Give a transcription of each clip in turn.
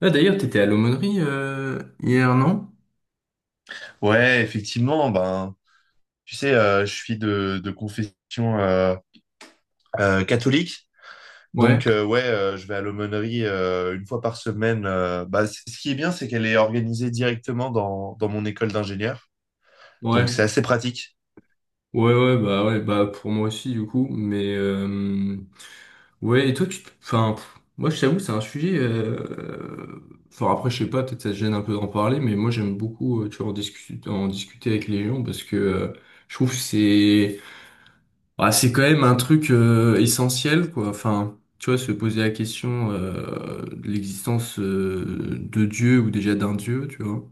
Ah, d'ailleurs, t'étais à l'aumônerie hier, non? Ouais, effectivement, ben, tu sais, je suis de confession euh, catholique. Ouais, Donc, ouais, je vais à l'aumônerie une fois par semaine. Bah, ce qui est bien, c'est qu'elle est organisée directement dans mon école d'ingénieur. Donc, c'est ouais, assez pratique. ouais, ouais, bah pour moi aussi du coup, mais ouais, et toi, tu, enfin, pff, moi je t'avoue, c'est un sujet, enfin après je sais pas, peut-être ça te gêne un peu d'en parler, mais moi j'aime beaucoup, tu vois, en discuter avec les gens parce que je trouve que c'est, bah, c'est quand même un truc essentiel, quoi, enfin. Tu vois, se poser la question de l'existence de Dieu ou déjà d'un Dieu, tu vois.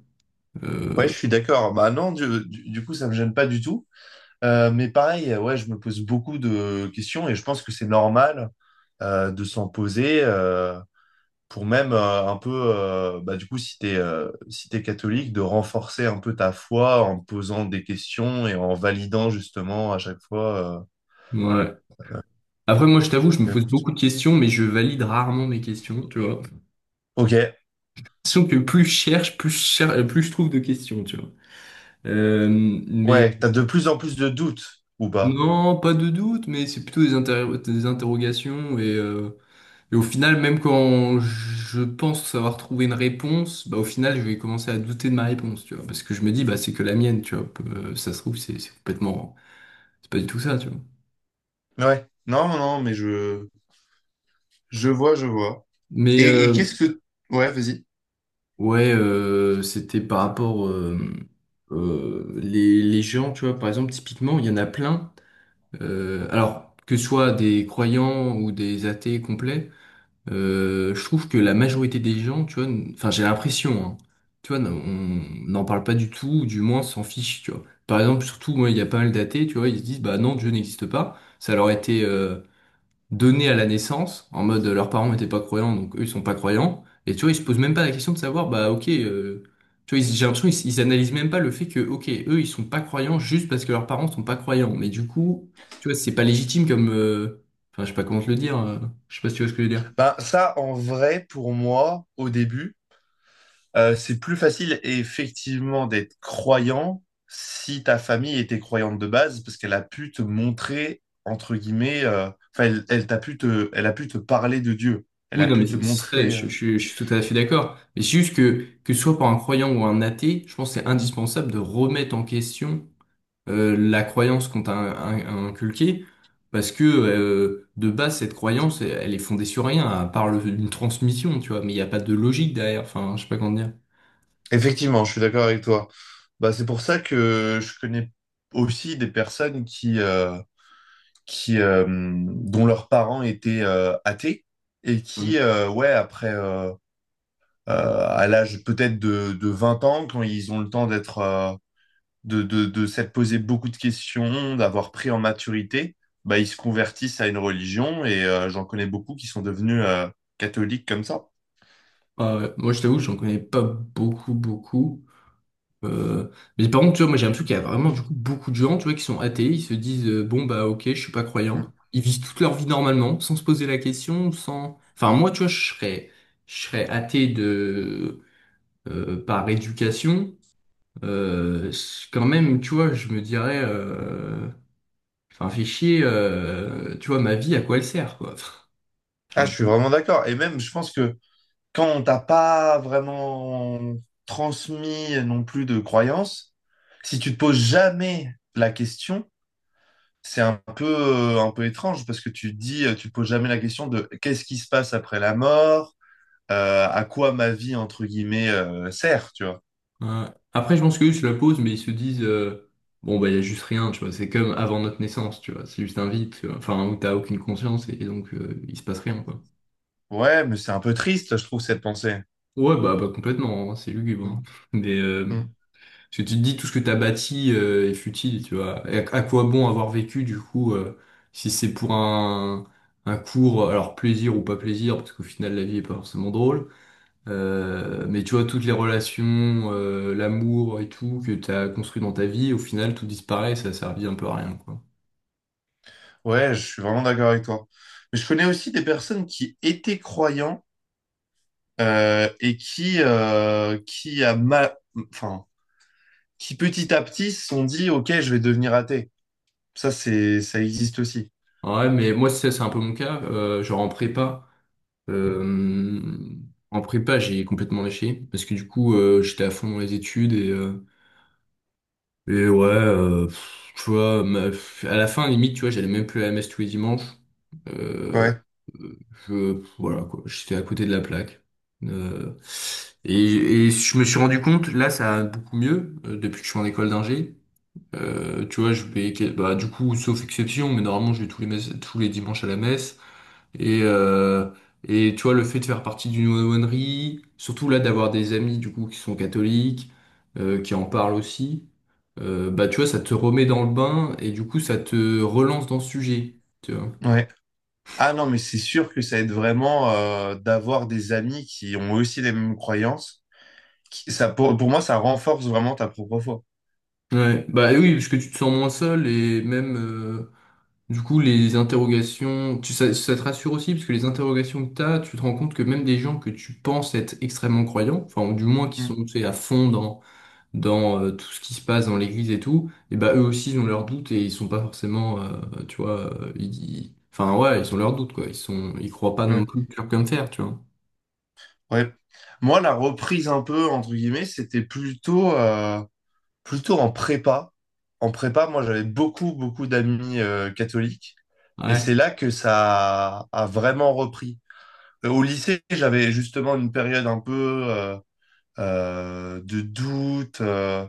euh, Ouais, je suis d'accord. Bah non, du coup, ça me gêne pas du tout. Mais pareil, ouais, je me pose beaucoup de questions et je pense que c'est normal de s'en poser. Pour même un peu, bah, du coup, si t'es catholique, de renforcer un peu ta foi en posant des questions et en validant justement à chaque fois. Ouais. Après, moi, je t'avoue, je me pose Réponse. beaucoup de questions, mais je valide rarement mes questions, tu vois. Ok, Sauf que plus je cherche, plus je trouve de questions, tu vois. Euh, mais ouais, t'as de plus en plus de doutes ou pas? non, pas de doute, mais c'est plutôt des interrogations. Et au final, même quand je pense savoir trouver une réponse, bah, au final, je vais commencer à douter de ma réponse, tu vois. Parce que je me dis, bah, c'est que la mienne, tu vois. Ça se trouve, c'est complètement... C'est pas du tout ça, tu vois. Ouais, non, non, non, mais je vois, je vois. Mais, Et qu'est-ce que... Ouais, vas-y. ouais, c'était par rapport les gens, tu vois, par exemple, typiquement, il y en a plein. Alors, que ce soit des croyants ou des athées complets, je trouve que la majorité des gens, tu vois, enfin, j'ai l'impression, hein, tu vois, on n'en parle pas du tout, ou du moins s'en fiche, tu vois. Par exemple, surtout, moi, il y a pas mal d'athées, tu vois, ils se disent, bah non, Dieu n'existe pas. Ça leur a été donnés à la naissance, en mode leurs parents n'étaient pas croyants, donc eux ils sont pas croyants. Et tu vois, ils se posent même pas la question de savoir, bah ok, tu vois, j'ai l'impression qu'ils ils analysent même pas le fait que, ok, eux ils sont pas croyants juste parce que leurs parents sont pas croyants. Mais du coup, tu vois, c'est pas légitime comme, enfin je sais pas comment te le dire, je sais pas si tu vois ce que je veux dire. Bah, ça, en vrai, pour moi, au début, c'est plus facile effectivement d'être croyant si ta famille était croyante de base, parce qu'elle a pu te montrer, entre guillemets, enfin, elle a pu te parler de Dieu. Elle Oui, a non, mais pu te montrer. Je suis tout à fait d'accord. Mais c'est juste que ce soit pour un croyant ou un athée, je pense que c'est indispensable de remettre en question la croyance qu'on t'a inculquée, parce que de base, cette croyance, elle, elle est fondée sur rien, à part une transmission, tu vois, mais il n'y a pas de logique derrière, enfin, je sais pas comment dire. Effectivement, je suis d'accord avec toi. Bah, c'est pour ça que je connais aussi des personnes dont leurs parents étaient athées et qui, Ouais. Ouais, après, à l'âge peut-être de 20 ans, quand ils ont le temps d'être de s'être posé beaucoup de questions, d'avoir pris en maturité, bah, ils se convertissent à une religion et j'en connais beaucoup qui sont devenus catholiques comme ça. Ah ouais. Moi, je t'avoue, j'en connais pas beaucoup, beaucoup. Euh, mais par contre, tu vois, moi, j'ai l'impression qu'il y a vraiment, du coup, beaucoup de gens, tu vois, qui sont athées, ils se disent, bon, bah, ok, je suis pas Mm. croyant. Ils vivent toute leur vie normalement, sans se poser la question, sans... Enfin, moi, tu vois, je serais athée de... par éducation, quand même, tu vois, je me dirais, enfin, fais chier, tu vois, ma vie, à quoi elle sert, quoi. Ah, Enfin, je suis tu vois. vraiment d'accord. Et même, je pense que quand on t'a pas vraiment transmis non plus de croyances, si tu te poses jamais la question, c'est un peu étrange parce que tu te dis, tu te poses jamais la question de qu'est-ce qui se passe après la mort, à quoi ma vie, entre guillemets, sert, tu vois. Ouais. Après, je pense qu'eux se la posent, mais ils se disent, bon, bah, il y a juste rien, tu vois, c'est comme avant notre naissance, tu vois, c'est juste un vide, tu vois. Enfin, où t'as aucune conscience et donc il se passe rien, quoi. Ouais, mais c'est un peu triste, je trouve, cette pensée. Ouais, bah, bah complètement, hein, c'est lugubre, Mm, hein. Mais, mm. parce que tu te dis tout ce que t'as bâti est futile, tu vois. Et à quoi bon avoir vécu du coup si c'est pour un court, alors plaisir ou pas plaisir, parce qu'au final la vie est pas forcément drôle. Mais tu vois toutes les relations, l'amour et tout que t'as construit dans ta vie, au final tout disparaît, ça a servi un peu à rien, quoi. Ouais, je suis vraiment d'accord avec toi. Mais je connais aussi des personnes qui étaient croyants et enfin, qui petit à petit se sont dit, OK, je vais devenir athée. Ça, ça existe aussi. Ouais, mais moi c'est un peu mon cas. Genre euh, en prépa j'ai complètement lâché parce que du coup j'étais à fond dans les études et et ouais, pff, tu vois, pff, à la fin, limite, tu vois, j'allais même plus à la messe tous les dimanches. Euh, Ouais, je, voilà, quoi, j'étais à côté de la plaque. Euh, et je me suis rendu compte, là, ça a beaucoup mieux, depuis que je suis en école d'ingé. Tu vois, je vais, bah, du coup, sauf exception, mais normalement, je vais tous les, tous les dimanches à la messe. Et, euh, et tu vois, le fait de faire partie d'une aumônerie, surtout là d'avoir des amis du coup qui sont catholiques, qui en parlent aussi, bah tu vois, ça te remet dans le bain et du coup ça te relance dans ce sujet. Tu vois. ouais. Ah non, mais c'est sûr que ça aide vraiment d'avoir des amis qui ont aussi les mêmes croyances. Ça, pour moi, ça renforce vraiment ta propre foi. Ouais, bah oui, parce que tu te sens moins seul et même du coup les interrogations, tu, ça te rassure aussi parce que les interrogations que t'as, tu te rends compte que même des gens que tu penses être extrêmement croyants, enfin ou du moins qui Mm. sont tu sais, à fond dans dans tout ce qui se passe dans l'église et tout, et bah eux aussi ils ont leurs doutes et ils sont pas forcément, tu vois, enfin ouais, ils ont leurs doutes quoi, ils sont, ils croient pas non Ouais. plus dur comme fer, tu vois. Ouais. Moi, la reprise un peu, entre guillemets, c'était plutôt en prépa. En prépa, moi, j'avais beaucoup, beaucoup d'amis catholiques. Et Ouais, c'est là que ça a vraiment repris. Au lycée, j'avais justement une période un peu euh, de doute.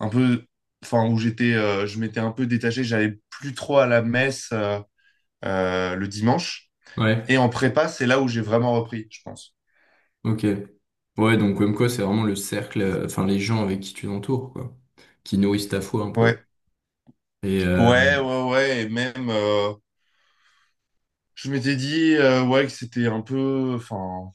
Un peu, enfin, je m'étais un peu détaché, j'allais plus trop à la messe le dimanche. ouais, Et en prépa, c'est là où j'ai vraiment repris, je pense. ok. Ouais, donc comme quoi c'est vraiment le cercle, enfin les gens avec qui tu t'entoures quoi, qui nourrissent ta foi un peu. Ouais, Et ouais, ouais, ouais. Et même, je m'étais dit, ouais, que c'était un peu, enfin,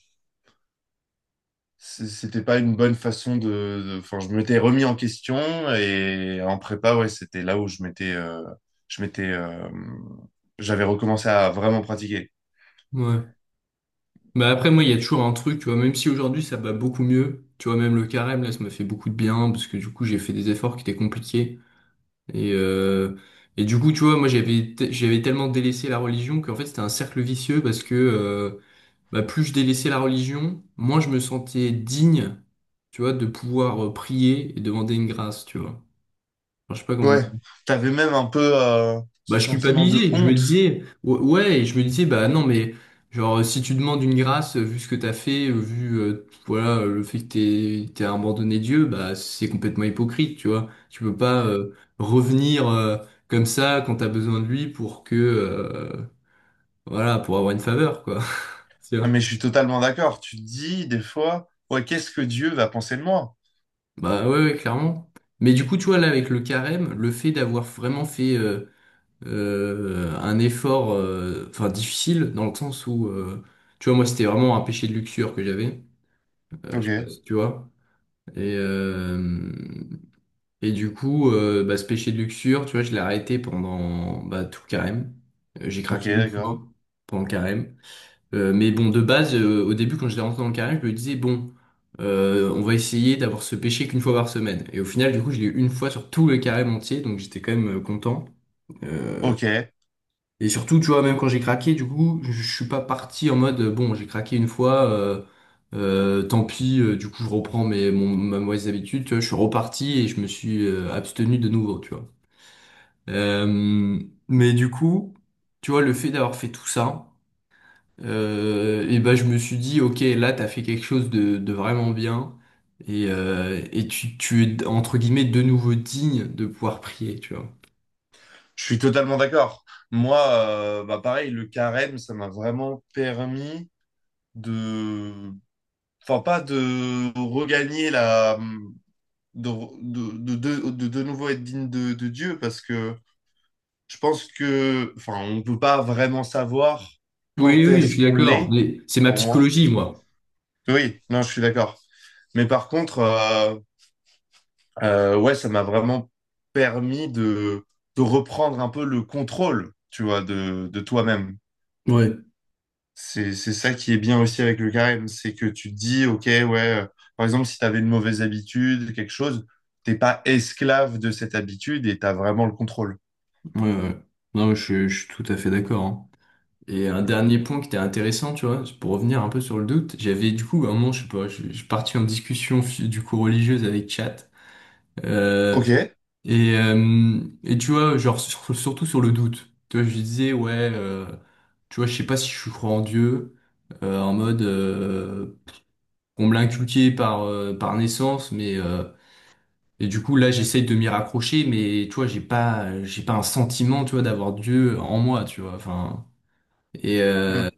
c'était pas une bonne façon enfin, je m'étais remis en question. Et en prépa, ouais, c'était là où je m'étais, euh, j'avais recommencé à vraiment pratiquer. ouais. Bah après moi il y a toujours un truc, tu vois, même si aujourd'hui ça va beaucoup mieux, tu vois, même le carême là ça m'a fait beaucoup de bien parce que du coup j'ai fait des efforts qui étaient compliqués. Et, euh, et du coup, tu vois, j'avais tellement délaissé la religion qu'en fait c'était un cercle vicieux parce que bah, plus je délaissais la religion, moins je me sentais digne, tu vois, de pouvoir prier et demander une grâce, tu vois. Enfin, je sais pas comment Ouais, t'avais même un peu bah, ce je sentiment de culpabilisais. Je me honte. disais, ouais, et je me disais, bah non, mais genre, si tu demandes une grâce, vu ce que t'as fait, vu, voilà, le fait que t'aies abandonné Dieu, bah, c'est complètement hypocrite, tu vois. Tu peux pas, revenir, comme ça quand t'as besoin de lui pour que, voilà, pour avoir une faveur, quoi. Tu Ah, vois. mais je suis totalement d'accord. Tu te dis des fois, ouais, qu'est-ce que Dieu va penser de moi? Bah, ouais, ouais, clairement. Mais du coup, tu vois, là, avec le carême, le fait d'avoir vraiment fait, un effort enfin difficile dans le sens où tu vois moi c'était vraiment un péché de luxure que j'avais je Ok, sais pas si tu vois et euh, et du coup bah, ce péché de luxure tu vois je l'ai arrêté pendant bah, tout le carême. J'ai ok, craqué une d'accord. fois pendant le carême. Mais bon de base au début quand j'étais rentré dans le carême je me disais bon on va essayer d'avoir ce péché qu'une fois par semaine et au final du coup je l'ai eu une fois sur tout le carême entier donc j'étais quand même content. Euh, Ok, je Et surtout, tu vois, même quand j'ai craqué, du coup, je suis pas parti en mode, bon, j'ai craqué une fois, tant pis, du coup, je reprends ma mauvaise habitude, tu vois, je suis reparti et je me suis abstenu de nouveau, tu vois. Euh, mais du coup, tu vois, le fait d'avoir fait tout ça, et ben, je me suis dit, ok, là, t'as fait quelque chose de vraiment bien, et tu es, entre guillemets, de nouveau digne de pouvoir prier, tu vois. suis totalement d'accord. Moi, bah pareil, le carême, ça m'a vraiment permis de, enfin pas de regagner la, de, nouveau être digne de Dieu, parce que je pense que, enfin, on peut pas vraiment savoir Oui, quand oui, je est-ce suis qu'on d'accord. l'est, Mais c'est ma pour moi. psychologie, moi. Oui, non, je suis d'accord. Mais par contre. Ouais, ça m'a vraiment permis de reprendre un peu le contrôle, tu vois, de toi-même. Ouais. C'est ça qui est bien aussi avec le carême, c'est que tu te dis, ok, ouais, par exemple, si tu avais une mauvaise habitude, quelque chose, t'es pas esclave de cette habitude et tu as vraiment le contrôle. Ouais, ouais. Non, mais je suis tout à fait d'accord, hein. Et un dernier point qui était intéressant, tu vois, pour revenir un peu sur le doute, j'avais du coup, à un moment, je sais pas, je suis parti en discussion du coup religieuse avec Chat. Euh, Ok. et, et tu vois, genre, surtout sur le doute. Tu vois, je lui disais, ouais, tu vois, je sais pas si je crois en Dieu, en mode, on me l'a inculqué par, par naissance, mais et du coup, là, j'essaye de m'y raccrocher, mais tu vois, j'ai pas un sentiment, tu vois, d'avoir Dieu en moi, tu vois. Enfin, et, Mm. euh,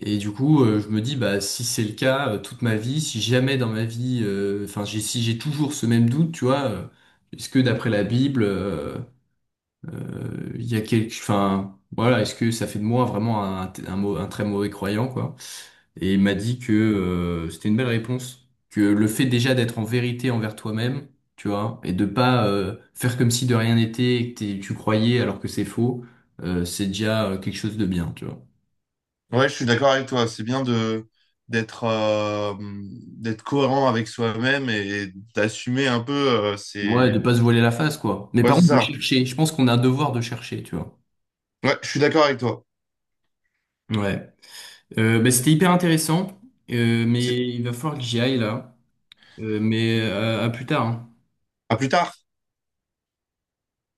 et du coup, je me dis, bah, si c'est le cas, toute ma vie, si jamais dans ma vie, enfin, j'ai, si j'ai toujours ce même doute, tu vois, est-ce que d'après la Bible, il y a quelque, enfin, voilà, est-ce que ça fait de moi vraiment un, un très mauvais croyant, quoi? Et il m'a dit que c'était une belle réponse, que le fait déjà d'être en vérité envers toi-même, tu vois, et de pas faire comme si de rien n'était, et que tu croyais alors que c'est faux, c'est déjà quelque chose de bien, tu vois. Ouais, je suis d'accord avec toi. C'est bien de d'être euh, d'être cohérent avec soi-même et d'assumer un peu. Ouais, de C'est pas se voiler la face, quoi. Mais Ouais, par c'est contre, de ça. chercher. Je pense qu'on a un devoir de chercher, tu vois. Ouais, je suis d'accord avec toi. Ouais. Bah, c'était hyper intéressant, C'est... mais il va falloir que j'y aille là. Mais à plus tard, hein. À plus tard.